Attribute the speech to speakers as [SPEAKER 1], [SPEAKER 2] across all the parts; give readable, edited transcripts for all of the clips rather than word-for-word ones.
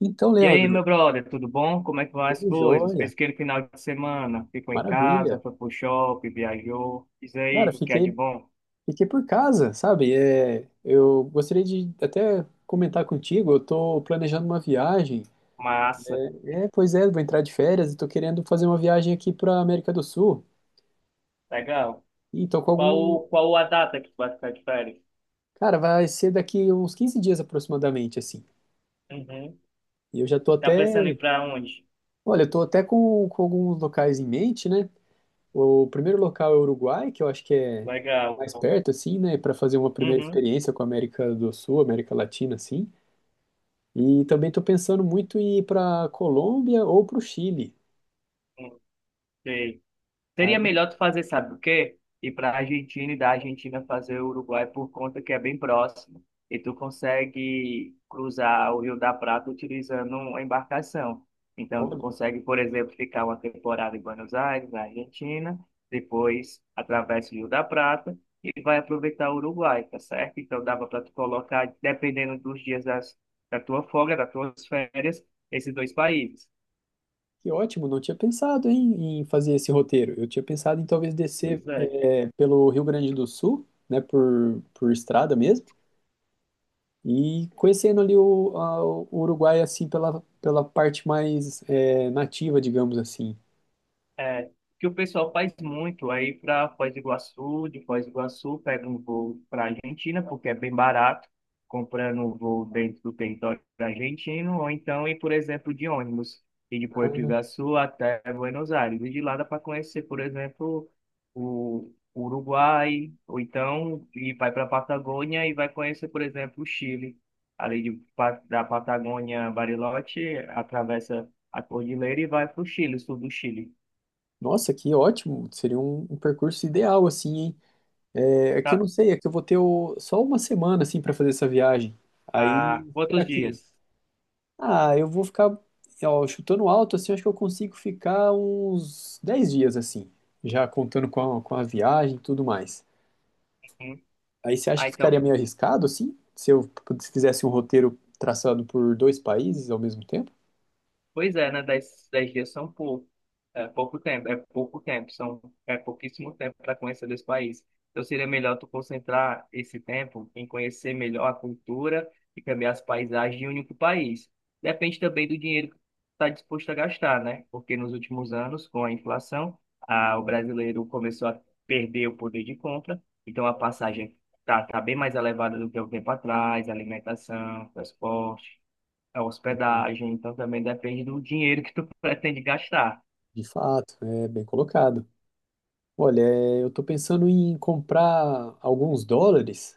[SPEAKER 1] Então,
[SPEAKER 2] E aí,
[SPEAKER 1] Leandro,
[SPEAKER 2] meu brother, tudo bom? Como é que vão as
[SPEAKER 1] tudo
[SPEAKER 2] coisas?
[SPEAKER 1] jóia,
[SPEAKER 2] Fez aquele final de semana? Ficou em casa,
[SPEAKER 1] maravilha.
[SPEAKER 2] foi pro shopping, viajou. Diz
[SPEAKER 1] Cara,
[SPEAKER 2] aí, o que é de bom?
[SPEAKER 1] fiquei por casa, sabe? É, eu gostaria de até comentar contigo, eu tô planejando uma viagem.
[SPEAKER 2] Massa.
[SPEAKER 1] É, pois é, vou entrar de férias e tô querendo fazer uma viagem aqui pra América do Sul.
[SPEAKER 2] Legal.
[SPEAKER 1] E tô com algum...
[SPEAKER 2] Qual a data que tu vai ficar de férias?
[SPEAKER 1] Cara, vai ser daqui uns 15 dias aproximadamente, assim.
[SPEAKER 2] Uhum.
[SPEAKER 1] E eu já tô
[SPEAKER 2] Tá pensando em ir
[SPEAKER 1] até...
[SPEAKER 2] pra onde?
[SPEAKER 1] Olha, eu tô até com alguns locais em mente, né? O primeiro local é o Uruguai, que eu acho que é
[SPEAKER 2] Legal.
[SPEAKER 1] mais perto, assim, né, para fazer uma primeira
[SPEAKER 2] Uhum.
[SPEAKER 1] experiência com a América do Sul, América Latina, assim. E também estou pensando muito em ir para Colômbia ou para o Chile.
[SPEAKER 2] Sei. Seria
[SPEAKER 1] Aí,
[SPEAKER 2] melhor tu fazer, sabe o quê? Ir para a Argentina e da Argentina fazer o Uruguai por conta que é bem próximo. E tu consegue cruzar o Rio da Prata utilizando uma embarcação. Então, tu
[SPEAKER 1] olha,
[SPEAKER 2] consegue, por exemplo, ficar uma temporada em Buenos Aires, na Argentina, depois atravessa o Rio da Prata e vai aproveitar o Uruguai, tá certo? Então, dava para tu colocar, dependendo dos dias da tua folga, das tuas férias, esses dois países.
[SPEAKER 1] que ótimo, não tinha pensado em fazer esse roteiro. Eu tinha pensado em talvez descer
[SPEAKER 2] Pois é.
[SPEAKER 1] é, pelo Rio Grande do Sul, né, por estrada mesmo, e conhecendo ali o Uruguai, assim, pela parte mais é, nativa, digamos assim.
[SPEAKER 2] É, que o pessoal faz muito aí para Foz do Iguaçu, de Foz do Iguaçu pega um voo para Argentina, porque é bem barato, comprando um voo dentro do território argentino, ou então ir, por exemplo, de ônibus, e de Porto
[SPEAKER 1] Né.
[SPEAKER 2] Iguaçu até Buenos Aires, e de lá dá para conhecer, por exemplo, o Uruguai, ou então e vai para a Patagônia e vai conhecer, por exemplo, o Chile. Ali de, da Patagônia, Bariloche, atravessa a cordilheira e vai para o Chile, sul do Chile.
[SPEAKER 1] Nossa, que ótimo! Seria um percurso ideal, assim, hein? É, é que eu não
[SPEAKER 2] Tá.
[SPEAKER 1] sei, é que eu vou ter o- só uma semana, assim, para fazer essa viagem.
[SPEAKER 2] Há
[SPEAKER 1] Aí, será
[SPEAKER 2] quantos
[SPEAKER 1] que...
[SPEAKER 2] dias?
[SPEAKER 1] Ah, eu vou ficar, ó, chutando alto, assim, acho que eu consigo ficar uns 10 dias, assim, já contando com com a viagem e tudo mais.
[SPEAKER 2] Hum.
[SPEAKER 1] Aí você acha
[SPEAKER 2] Ah,
[SPEAKER 1] que ficaria
[SPEAKER 2] então,
[SPEAKER 1] meio arriscado, assim, se fizesse um roteiro traçado por dois países ao mesmo tempo?
[SPEAKER 2] pois é, né? Dez dias são pouco, é pouco tempo, são, é pouquíssimo tempo para conhecer desse país. Então seria melhor tu concentrar esse tempo em conhecer melhor a cultura e também as paisagens de um único país. Depende também do dinheiro que tu está disposto a gastar, né? Porque nos últimos anos, com a inflação, o brasileiro começou a perder o poder de compra, então a passagem tá bem mais elevada do que há um tempo atrás, alimentação, transporte, a hospedagem, então também depende do dinheiro que tu pretende gastar.
[SPEAKER 1] De fato, é bem colocado. Olha, é, eu tô pensando em comprar alguns dólares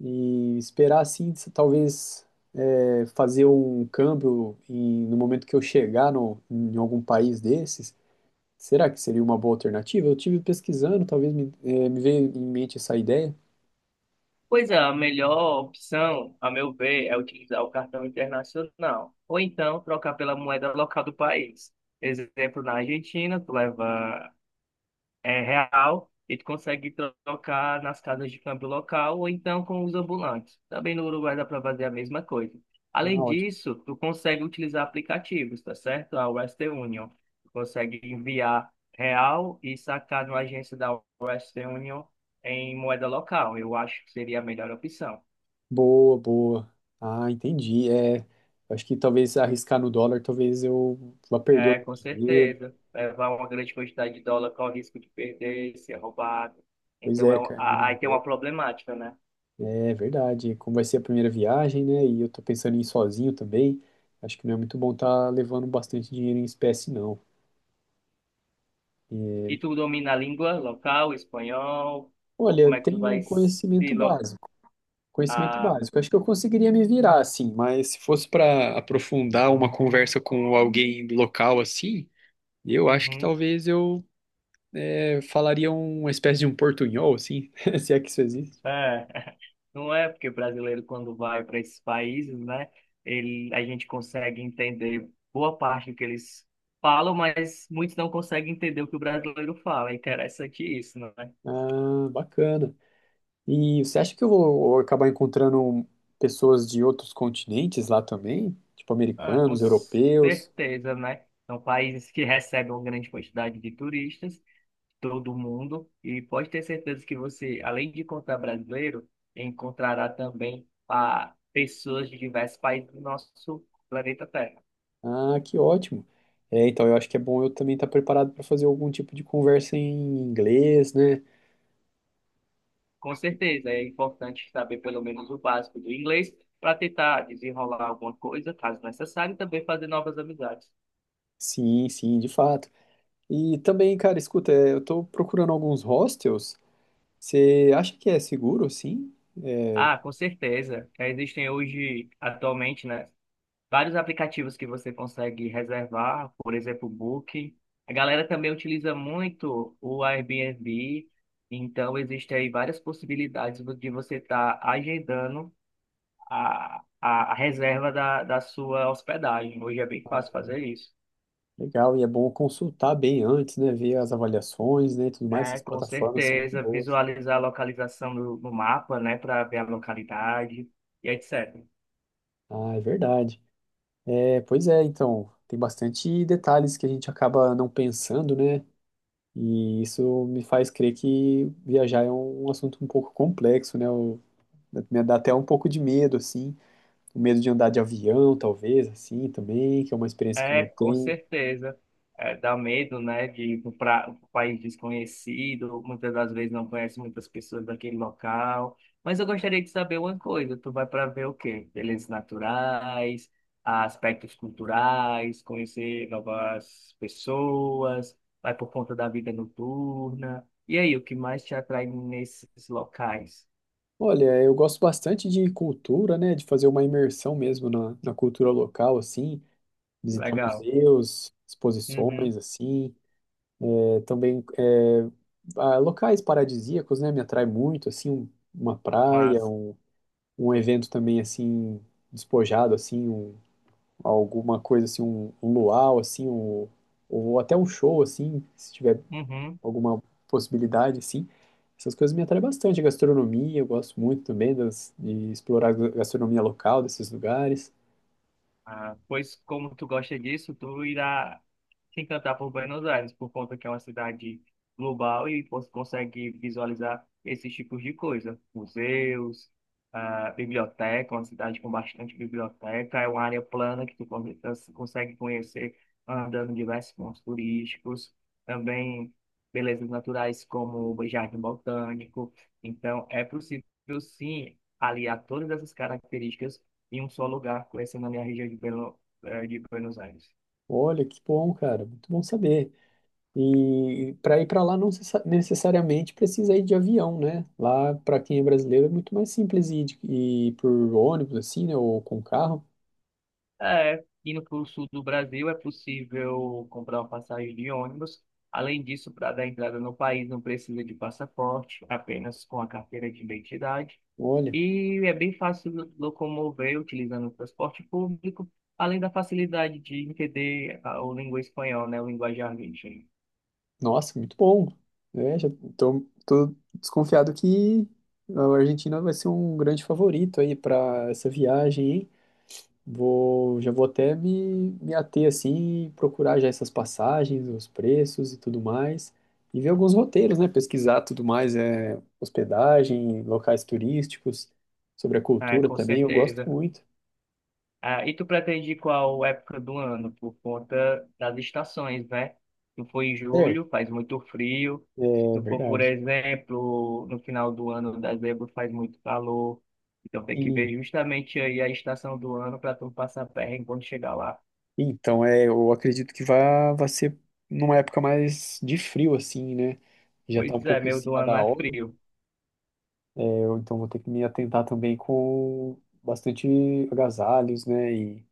[SPEAKER 1] e esperar assim, se- talvez é, fazer um câmbio em- no momento que eu chegar no- em algum país desses. Será que seria uma boa alternativa? Eu tive pesquisando, talvez me, é, me veio em mente essa ideia.
[SPEAKER 2] Pois é, a melhor opção, a meu ver, é utilizar o cartão internacional, ou então trocar pela moeda local do país. Exemplo, na Argentina, tu leva é real e tu consegue trocar nas casas de câmbio local ou então com os ambulantes. Também no Uruguai dá para fazer a mesma coisa.
[SPEAKER 1] Ah,
[SPEAKER 2] Além
[SPEAKER 1] ótimo.
[SPEAKER 2] disso, tu consegue utilizar aplicativos, tá certo? A Western Union. Tu consegue enviar real e sacar numa agência da Western Union em moeda local. Eu acho que seria a melhor opção.
[SPEAKER 1] Boa, boa. Ah, entendi. É, acho que talvez arriscar no dólar, talvez eu vá perder
[SPEAKER 2] É,
[SPEAKER 1] algum
[SPEAKER 2] com
[SPEAKER 1] dinheiro.
[SPEAKER 2] certeza. Levar uma grande quantidade de dólar com o risco de perder, ser roubado.
[SPEAKER 1] Pois
[SPEAKER 2] Então,
[SPEAKER 1] é, cara.
[SPEAKER 2] aí tem uma problemática, né?
[SPEAKER 1] É verdade, como vai ser a primeira viagem, né? E eu tô pensando em ir sozinho também. Acho que não é muito bom estar tá levando bastante dinheiro em espécie, não. É.
[SPEAKER 2] E tu domina a língua local, espanhol? Ou
[SPEAKER 1] Olha,
[SPEAKER 2] como
[SPEAKER 1] eu
[SPEAKER 2] é que tu
[SPEAKER 1] tenho
[SPEAKER 2] vai
[SPEAKER 1] um
[SPEAKER 2] se...
[SPEAKER 1] conhecimento
[SPEAKER 2] Lo...
[SPEAKER 1] básico. Conhecimento
[SPEAKER 2] Ah,
[SPEAKER 1] básico. Acho que eu conseguiria me virar, assim, mas se fosse para aprofundar uma conversa com alguém local, assim, eu acho que
[SPEAKER 2] uhum,
[SPEAKER 1] talvez eu é, falaria uma espécie de um portunhol, assim, se é que isso existe.
[SPEAKER 2] é. Não é porque brasileiro, quando vai para esses países, né? Ele, a gente consegue entender boa parte do que eles falam, mas muitos não conseguem entender o que o brasileiro fala. É interessante isso, não é?
[SPEAKER 1] Ah, bacana. E você acha que eu vou acabar encontrando pessoas de outros continentes lá também? Tipo
[SPEAKER 2] Ah, com
[SPEAKER 1] americanos, europeus?
[SPEAKER 2] certeza, né? São países que recebem uma grande quantidade de turistas todo mundo e pode ter certeza que você, além de encontrar brasileiro, encontrará também pessoas de diversos países do nosso planeta Terra.
[SPEAKER 1] Ah, que ótimo. É, então eu acho que é bom eu também estar preparado para fazer algum tipo de conversa em inglês, né?
[SPEAKER 2] Com certeza, é importante saber pelo menos o básico do inglês para tentar desenrolar alguma coisa, caso necessário, e também fazer novas amizades.
[SPEAKER 1] Sim, sim, de fato. E também, cara, escuta, é, eu tô procurando alguns hostels. Você acha que é seguro, sim?
[SPEAKER 2] Ah, com certeza. Existem hoje, atualmente, né? Vários aplicativos que você consegue reservar, por exemplo, o Booking. A galera também utiliza muito o Airbnb, então existem aí várias possibilidades de você estar agendando a reserva da sua hospedagem. Hoje é bem fácil fazer isso.
[SPEAKER 1] Legal, e é bom consultar bem antes, né? Ver as avaliações, né, e tudo mais.
[SPEAKER 2] É,
[SPEAKER 1] Essas
[SPEAKER 2] com
[SPEAKER 1] plataformas são muito
[SPEAKER 2] certeza,
[SPEAKER 1] boas.
[SPEAKER 2] visualizar a localização no mapa, né, para ver a localidade e etc.
[SPEAKER 1] Ah, é verdade. É, pois é, então, tem bastante detalhes que a gente acaba não pensando, né? E isso me faz crer que viajar é um assunto um pouco complexo, né? Eu- me dá até um pouco de medo, assim, o medo de andar de avião, talvez, assim, também, que é uma experiência que eu
[SPEAKER 2] É,
[SPEAKER 1] não
[SPEAKER 2] com
[SPEAKER 1] tenho.
[SPEAKER 2] certeza. É, dá medo, né, de ir para um país desconhecido, muitas das vezes não conhece muitas pessoas daquele local. Mas eu gostaria de saber uma coisa, tu vai para ver o quê? Belezas naturais, aspectos culturais, conhecer novas pessoas, vai por conta da vida noturna. E aí, o que mais te atrai nesses locais?
[SPEAKER 1] Olha, eu gosto bastante de cultura, né? De fazer uma imersão mesmo na cultura local, assim, visitar
[SPEAKER 2] Legal.
[SPEAKER 1] museus, exposições,
[SPEAKER 2] Uhum,
[SPEAKER 1] assim. Também é, ah, locais paradisíacos, né, me atrai muito, assim, um- uma praia,
[SPEAKER 2] mas...
[SPEAKER 1] um evento também, assim, despojado, assim, um- alguma coisa, assim, um luau, assim, um- ou até um show, assim, se tiver
[SPEAKER 2] Uhum.
[SPEAKER 1] alguma possibilidade, assim, essas coisas me atraem bastante, a gastronomia, eu gosto muito também das- de explorar a gastronomia local desses lugares.
[SPEAKER 2] Ah, pois como tu gosta disso, tu irá se encantar por Buenos Aires, por conta que é uma cidade global e você consegue visualizar esses tipos de coisa. Museus, biblioteca, uma cidade com bastante biblioteca, é uma área plana que tu consegue conhecer andando em diversos pontos turísticos, também belezas naturais como o Jardim Botânico. Então, é possível sim aliar todas essas características em um só lugar, conhecendo a minha região de Buenos Aires.
[SPEAKER 1] Olha, que bom, cara, muito bom saber. E para ir para lá não necessa- necessariamente precisa ir de avião, né? Lá, para quem é brasileiro, é muito mais simples ir, de- ir por ônibus, assim, né? Ou com carro.
[SPEAKER 2] É, indo para o sul do Brasil é possível comprar uma passagem de ônibus. Além disso, para dar entrada no país não precisa de passaporte, apenas com a carteira de identidade.
[SPEAKER 1] Olha,
[SPEAKER 2] E é bem fácil locomover utilizando o transporte público, além da facilidade de entender o língua espanhol, né, o linguajar argentina.
[SPEAKER 1] nossa, muito bom. É, tô desconfiado que a Argentina vai ser um grande favorito aí para essa viagem, hein? Já vou até me ater assim, e procurar já essas passagens, os preços e tudo mais, e ver alguns roteiros, né? Pesquisar tudo mais, é, hospedagem, locais turísticos, sobre a
[SPEAKER 2] É,
[SPEAKER 1] cultura
[SPEAKER 2] com
[SPEAKER 1] também, eu gosto
[SPEAKER 2] certeza.
[SPEAKER 1] muito.
[SPEAKER 2] Ah, e tu pretende qual época do ano? Por conta das estações, né? Se for em
[SPEAKER 1] Certo,
[SPEAKER 2] julho, faz muito frio. Se
[SPEAKER 1] é
[SPEAKER 2] tu for, por
[SPEAKER 1] verdade.
[SPEAKER 2] exemplo, no final do ano, dezembro, faz muito calor. Então tem que ver
[SPEAKER 1] E,
[SPEAKER 2] justamente aí a estação do ano para tu não passar perrengue quando chegar lá.
[SPEAKER 1] então, é, eu acredito que vai ser numa época mais de frio, assim, né? Já
[SPEAKER 2] Pois
[SPEAKER 1] tá um
[SPEAKER 2] é,
[SPEAKER 1] pouco em
[SPEAKER 2] meio do
[SPEAKER 1] cima
[SPEAKER 2] ano
[SPEAKER 1] da
[SPEAKER 2] é
[SPEAKER 1] hora,
[SPEAKER 2] frio.
[SPEAKER 1] é, eu, então vou ter que me atentar também com bastante agasalhos, né? E,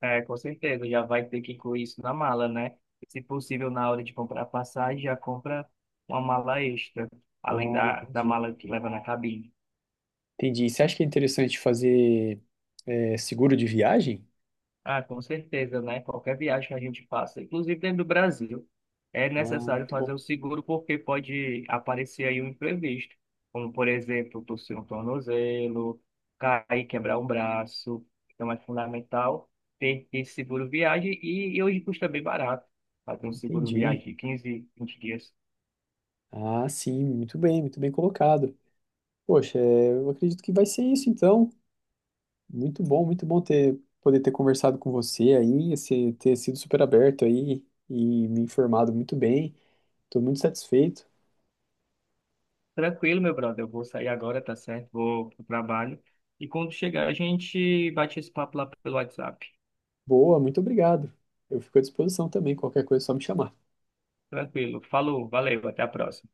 [SPEAKER 2] É, com certeza, já vai ter que incluir isso na mala, né? Se possível, na hora de comprar passagem, já compra uma mala extra, além
[SPEAKER 1] ah,
[SPEAKER 2] da
[SPEAKER 1] entendi.
[SPEAKER 2] mala que leva na cabine.
[SPEAKER 1] Entendi. Você acha que é interessante fazer é, seguro de viagem?
[SPEAKER 2] Ah, com certeza, né? Qualquer viagem que a gente faça, inclusive dentro do Brasil, é
[SPEAKER 1] Ah,
[SPEAKER 2] necessário
[SPEAKER 1] muito
[SPEAKER 2] fazer
[SPEAKER 1] bom.
[SPEAKER 2] o seguro porque pode aparecer aí um imprevisto, como por exemplo, torcer um tornozelo, cair, quebrar um braço. Então é fundamental ter esse seguro viagem e hoje custa bem barato fazer um seguro
[SPEAKER 1] Entendi.
[SPEAKER 2] viagem de 15, 20 dias.
[SPEAKER 1] Ah, sim, muito bem colocado. Poxa, é, eu acredito que vai ser isso então. Muito bom ter poder ter conversado com você aí, você ter sido super aberto aí e me informado muito bem. Estou muito satisfeito.
[SPEAKER 2] Tranquilo, meu brother, eu vou sair agora, tá certo? Vou pro trabalho. E quando chegar, a gente bate esse papo lá pelo WhatsApp.
[SPEAKER 1] Boa, muito obrigado. Eu fico à disposição também, qualquer coisa é só me chamar.
[SPEAKER 2] Tranquilo. Falou, valeu, até a próxima.